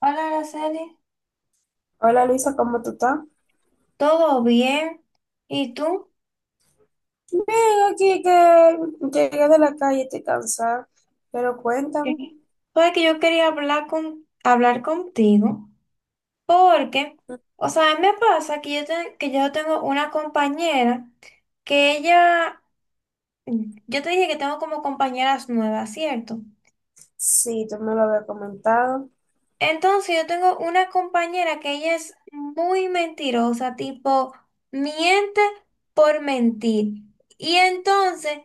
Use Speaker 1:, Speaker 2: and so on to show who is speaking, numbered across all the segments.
Speaker 1: Hola, Araceli.
Speaker 2: Hola Luisa, ¿cómo tú estás?
Speaker 1: ¿Todo bien? ¿Y tú?
Speaker 2: Bien, aquí que llegué de la calle, estoy cansada, pero cuéntame.
Speaker 1: Sí. Pues que yo quería hablar contigo porque, o sea, a mí me pasa que que yo tengo una compañera que ella, yo te dije que tengo como compañeras nuevas, ¿cierto?
Speaker 2: Sí, tú me lo habías comentado.
Speaker 1: Entonces yo tengo una compañera que ella es muy mentirosa, tipo, miente por mentir. Y entonces,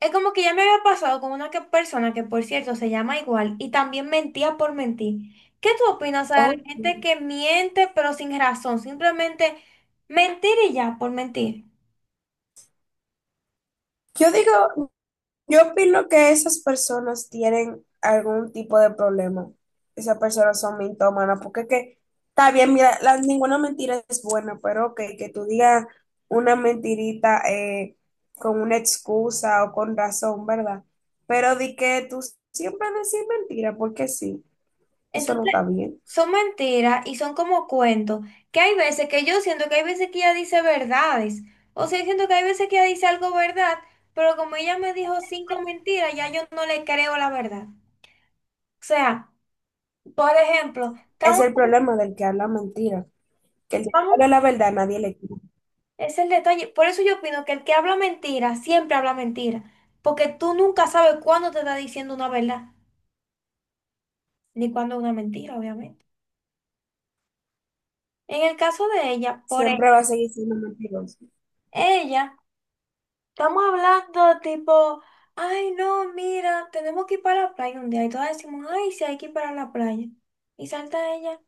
Speaker 1: es como que ya me había pasado con una persona que, por cierto, se llama igual y también mentía por mentir. ¿Qué tú opinas, o sea, de la
Speaker 2: Oh.
Speaker 1: gente que miente pero sin razón? Simplemente mentir y ya, por mentir.
Speaker 2: Yo digo, yo opino que esas personas tienen algún tipo de problema. Esas personas son mintómanas, porque es que está bien, mira, ninguna mentira es buena, pero ok, que tú digas una mentirita con una excusa o con razón, ¿verdad? Pero di que tú siempre decís mentira, porque sí. Eso no
Speaker 1: Entonces,
Speaker 2: está bien.
Speaker 1: son mentiras y son como cuentos. Que hay veces que yo siento que hay veces que ella dice verdades. O sea, yo siento que hay veces que ella dice algo verdad, pero como ella me dijo cinco mentiras, ya yo no le creo la verdad. O sea, por ejemplo,
Speaker 2: Es
Speaker 1: estamos,
Speaker 2: el problema del que habla mentira, que el que
Speaker 1: vamos.
Speaker 2: habla la verdad nadie le cree.
Speaker 1: Es el detalle. Por eso yo opino que el que habla mentira siempre habla mentira. Porque tú nunca sabes cuándo te está diciendo una verdad, ni cuándo una mentira, obviamente. En el caso de ella, por ejemplo,
Speaker 2: Siempre va a seguir siendo mentiroso.
Speaker 1: ella, estamos hablando tipo, ay, no, mira, tenemos que ir para la playa un día. Y todas decimos, ay, sí, hay que ir para la playa. Y salta ella,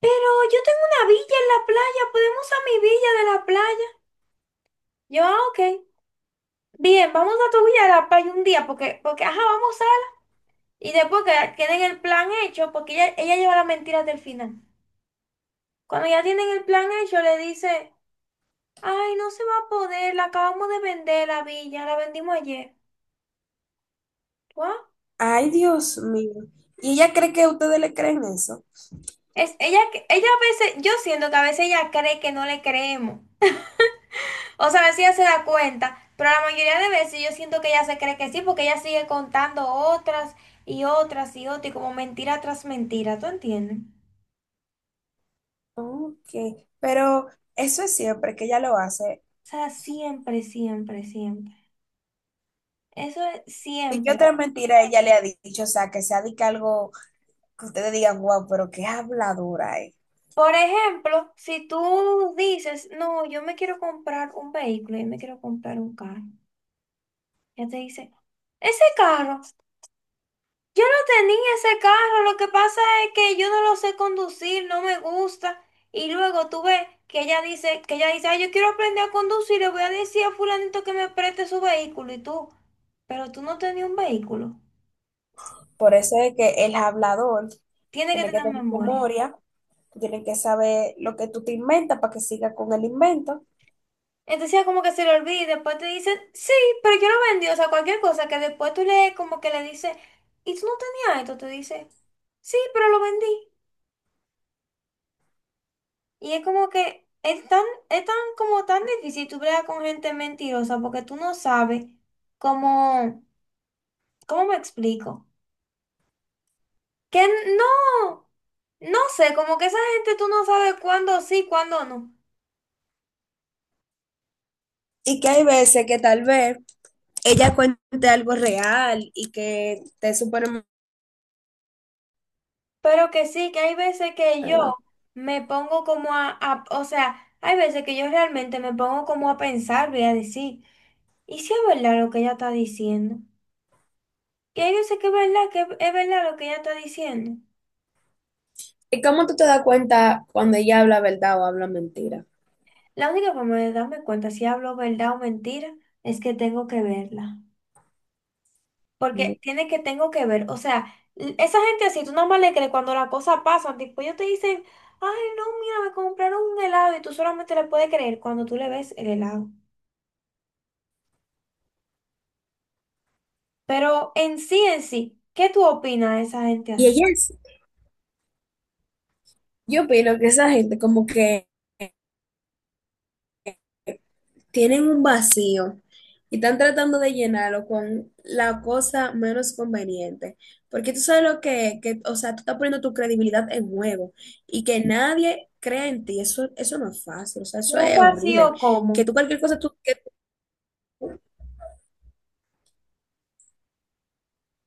Speaker 1: pero yo tengo una villa en la playa, podemos a mi villa de la playa. Yo, ah, ok. Bien, vamos a tu villa de la playa un día, porque, porque, ajá, vamos. Y después que tienen el plan hecho, porque ella lleva las mentiras del final. Cuando ya tienen el plan hecho, le dice, ay, no se va a poder, la acabamos de vender la villa, la vendimos ayer. ¿What?
Speaker 2: Ay, Dios mío. ¿Y ella cree que ustedes le creen eso?
Speaker 1: Ella a veces, yo siento que a veces ella cree que no le creemos. O sea, a veces ella se da cuenta, pero la mayoría de veces yo siento que ella se cree que sí, porque ella sigue contando otras y otras y otras, y como mentira tras mentira, ¿tú entiendes? O
Speaker 2: Ok. Pero eso es siempre que ella lo hace.
Speaker 1: sea, siempre, siempre, siempre. Eso es
Speaker 2: ¿Y qué
Speaker 1: siempre.
Speaker 2: otra mentira ella le ha dicho? O sea, que sea de que algo que ustedes digan, wow, pero qué habladora es.
Speaker 1: Por ejemplo, si tú dices, no, yo me quiero comprar un vehículo, yo me quiero comprar un carro, ya te dice, ese carro, yo no tenía ese carro, lo que pasa es que yo no lo sé conducir, no me gusta. Y luego tú ves que ella dice, "Ay, yo quiero aprender a conducir, le voy a decir a fulanito que me preste su vehículo", y tú, pero tú no tenías un vehículo,
Speaker 2: Por eso es que el hablador
Speaker 1: tiene que
Speaker 2: tiene que
Speaker 1: tener
Speaker 2: tener
Speaker 1: memoria.
Speaker 2: memoria, tiene que saber lo que tú te inventas para que siga con el invento.
Speaker 1: Entonces ya como que se le olvida y después te dicen, sí, pero yo lo vendí, o sea, cualquier cosa que después tú le como que le dices, ¿y tú no tenías esto? Te dice, sí, pero lo vendí. Y es como que es tan como tan difícil tú bregar con gente mentirosa porque tú no sabes cómo, ¿cómo me explico? Que no, no sé, como que esa gente tú no sabes cuándo sí, cuándo no.
Speaker 2: Y que hay veces que tal vez ella cuente algo real y que te supone.
Speaker 1: Pero que sí, que hay veces que yo me pongo como o sea, hay veces que yo realmente me pongo como a pensar, voy a decir, ¿y si es verdad lo que ella está diciendo? Que hay sé que es verdad lo que ella está diciendo.
Speaker 2: ¿Y cómo tú te das cuenta cuando ella habla verdad o habla mentira?
Speaker 1: La única forma de darme cuenta si hablo verdad o mentira es que tengo que verla. Porque tiene que, tengo que ver, o sea, esa gente así, tú nomás le crees cuando las cosas pasan, tipo, ellos te dicen, ay, no, mira, me compraron un helado y tú solamente le puedes creer cuando tú le ves el helado. Pero en sí, ¿qué tú opinas de esa gente
Speaker 2: Y
Speaker 1: así?
Speaker 2: ella es, yo opino que esa gente como que tienen un vacío y están tratando de llenarlo con la cosa menos conveniente. Porque tú sabes lo que, o sea, tú estás poniendo tu credibilidad en juego y que nadie crea en ti, eso no es fácil, o sea, eso
Speaker 1: Pero un
Speaker 2: es horrible.
Speaker 1: vacío como,
Speaker 2: Que tú cualquier cosa, tú, que tú,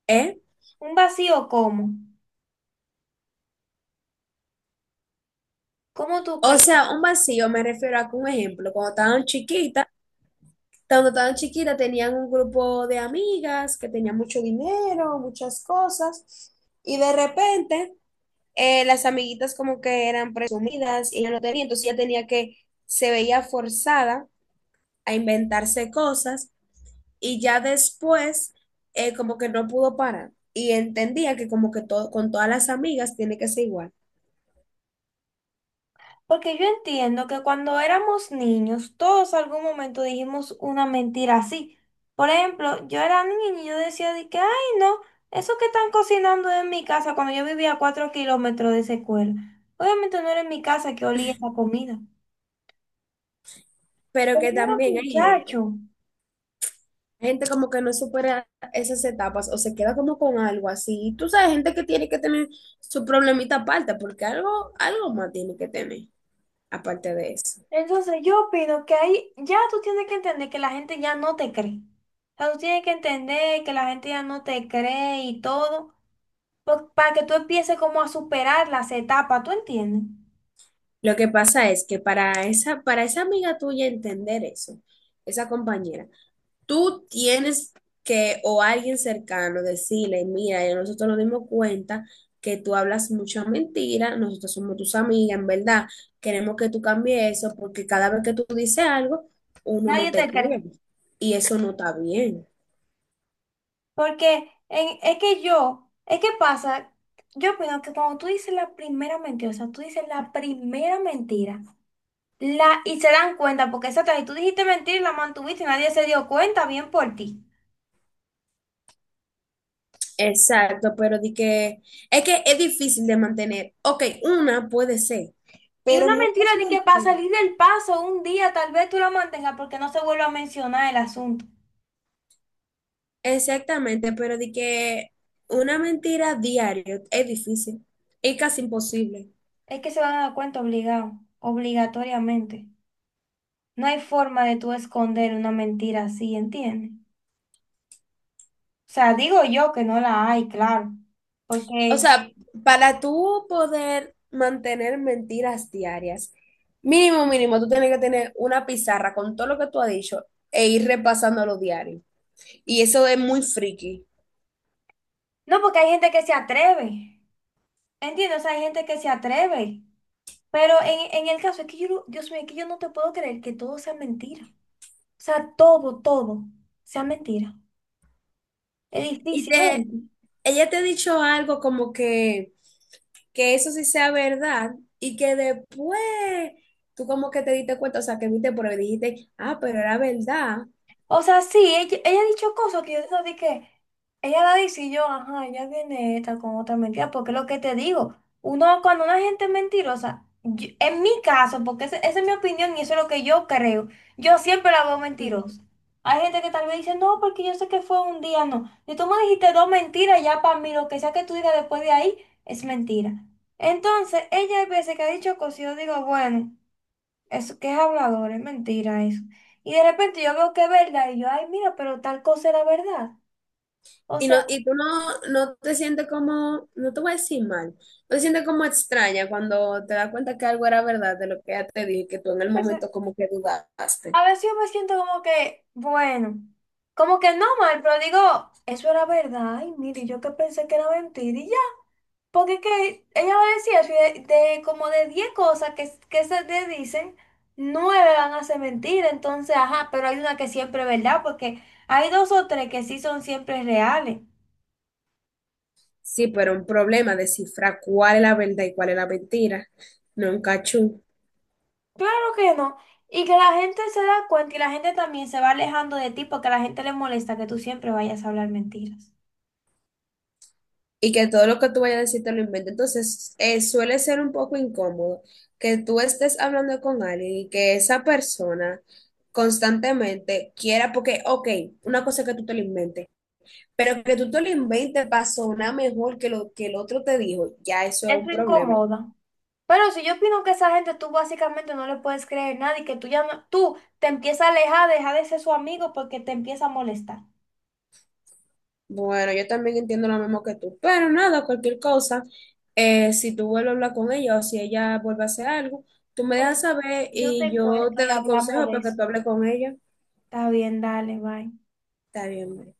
Speaker 2: ¿eh?
Speaker 1: un vacío como, ¿cómo tú
Speaker 2: O
Speaker 1: crees?
Speaker 2: sea, un vacío me refiero a que un ejemplo, cuando estaban chiquitas tenían un grupo de amigas que tenían mucho dinero, muchas cosas, y de repente las amiguitas como que eran presumidas y ella no tenía, entonces ella tenía que, se veía forzada a inventarse cosas y ya después como que no pudo parar y entendía que como que todo, con todas las amigas tiene que ser igual,
Speaker 1: Porque yo entiendo que cuando éramos niños, todos algún momento dijimos una mentira así. Por ejemplo, yo era niña y yo decía de que, ay, no, eso que están cocinando es en mi casa cuando yo vivía a 4 kilómetros de esa escuela. Obviamente no era en mi casa que olía esa comida.
Speaker 2: pero
Speaker 1: Pero
Speaker 2: que
Speaker 1: no era
Speaker 2: también hay
Speaker 1: muchacho.
Speaker 2: gente. Hay gente como que no supera esas etapas o se queda como con algo así. Tú sabes, gente que tiene que tener su problemita aparte, porque algo, algo más tiene que tener aparte de eso.
Speaker 1: Entonces yo opino que ahí ya tú tienes que entender que la gente ya no te cree. O sea, tú tienes que entender que la gente ya no te cree y todo, para que tú empieces como a superar las etapas, ¿tú entiendes?
Speaker 2: Lo que pasa es que para esa amiga tuya entender eso, esa compañera, tú tienes que, o alguien cercano, decirle, mira, ya nosotros nos dimos cuenta que tú hablas mucha mentira, nosotros somos tus amigas, en verdad, queremos que tú cambies eso, porque cada vez que tú dices algo, uno no
Speaker 1: Nadie te
Speaker 2: te
Speaker 1: cree.
Speaker 2: cree. Y eso no está bien.
Speaker 1: Porque es que yo, es que pasa, yo opino que cuando tú dices la primera mentira, o sea, tú dices la primera mentira, la, y se dan cuenta, porque esa otra, y tú dijiste mentira y la mantuviste y nadie se dio cuenta bien por ti.
Speaker 2: Exacto, pero di que es difícil de mantener. Ok, una puede ser,
Speaker 1: Y
Speaker 2: pero
Speaker 1: una
Speaker 2: muchas
Speaker 1: mentira de que para
Speaker 2: mentiras.
Speaker 1: salir del paso un día tal vez tú la mantengas porque no se vuelva a mencionar el asunto.
Speaker 2: Exactamente, pero di que una mentira diaria es difícil, es casi imposible.
Speaker 1: Es que se van a dar cuenta obligado, obligatoriamente. No hay forma de tú esconder una mentira así, ¿entiendes? O sea, digo yo que no la hay, claro.
Speaker 2: O
Speaker 1: Porque,
Speaker 2: sea, para tú poder mantener mentiras diarias, mínimo, mínimo, tú tienes que tener una pizarra con todo lo que tú has dicho e ir repasando los diarios. Y eso es muy friki.
Speaker 1: no, porque hay gente que se atreve. ¿Entiendes? O sea, hay gente que se atreve. Pero en el caso es que yo, no- Dios mío, es que yo no te puedo creer que todo sea mentira. O sea, todo, todo sea mentira. Es
Speaker 2: Y
Speaker 1: difícil, ¿no?
Speaker 2: te, ella te ha dicho algo como que eso sí sea verdad y que después tú como que te diste cuenta, o sea, que viste por ahí y dijiste, ah, pero era verdad.
Speaker 1: O sea, sí, ella ha dicho cosas que yo digo de que ella la dice y yo, ajá, ella viene esta con otra mentira, porque es lo que te digo, uno cuando una gente es mentirosa, en mi caso, porque esa es mi opinión y eso es lo que yo creo, yo siempre la veo mentirosa. Hay gente que tal vez dice, no, porque yo sé que fue un día, no. Si tú me dijiste dos mentiras, ya para mí lo que sea que tú digas después de ahí es mentira. Entonces, ella hay veces que ha dicho cosas y yo digo, bueno. Eso que es hablador, es mentira eso. Y de repente yo veo que es verdad y yo, ay, mira, pero tal cosa era verdad. O
Speaker 2: Y, no,
Speaker 1: sea,
Speaker 2: y tú no, no te sientes como, no te voy a decir mal, no te sientes como extraña cuando te das cuenta que algo era verdad de lo que ella te dijo y que tú en el
Speaker 1: pues,
Speaker 2: momento como que dudaste.
Speaker 1: a veces yo me siento como que, bueno, como que no mal, pero digo, eso era verdad. Ay, mire, yo que pensé que era mentira y ya. Porque es que ella va a decir eso y de como de 10 cosas que se te dicen, 9 van a ser mentira. Entonces, ajá, pero hay una que siempre es verdad porque hay dos o tres que sí son siempre reales.
Speaker 2: Sí, pero un problema descifrar cuál es la verdad y cuál es la mentira, no un cachú.
Speaker 1: Claro que no. Y que la gente se da cuenta y la gente también se va alejando de ti porque a la gente le molesta que tú siempre vayas a hablar mentiras.
Speaker 2: Y que todo lo que tú vayas a decir te lo inventes. Entonces, suele ser un poco incómodo que tú estés hablando con alguien y que esa persona constantemente quiera, porque, ok, una cosa es que tú te lo inventes. Pero que tú te lo inventes para sonar mejor que lo que el otro te dijo, ya eso es un
Speaker 1: Eso
Speaker 2: problema.
Speaker 1: incomoda. Pero si yo opino que esa gente tú básicamente no le puedes creer nada y que tú ya tú te empiezas a alejar, deja de ser su amigo porque te empieza a molestar.
Speaker 2: Bueno, yo también entiendo lo mismo que tú, pero nada, cualquier cosa, si tú vuelves a hablar con ella o si ella vuelve a hacer algo, tú me
Speaker 1: Pues,
Speaker 2: dejas saber
Speaker 1: yo
Speaker 2: y
Speaker 1: te
Speaker 2: yo
Speaker 1: cuento
Speaker 2: te
Speaker 1: y
Speaker 2: doy
Speaker 1: hablamos
Speaker 2: consejo
Speaker 1: de
Speaker 2: para que
Speaker 1: eso.
Speaker 2: tú hables con ella.
Speaker 1: Está bien, dale, bye.
Speaker 2: Está bien.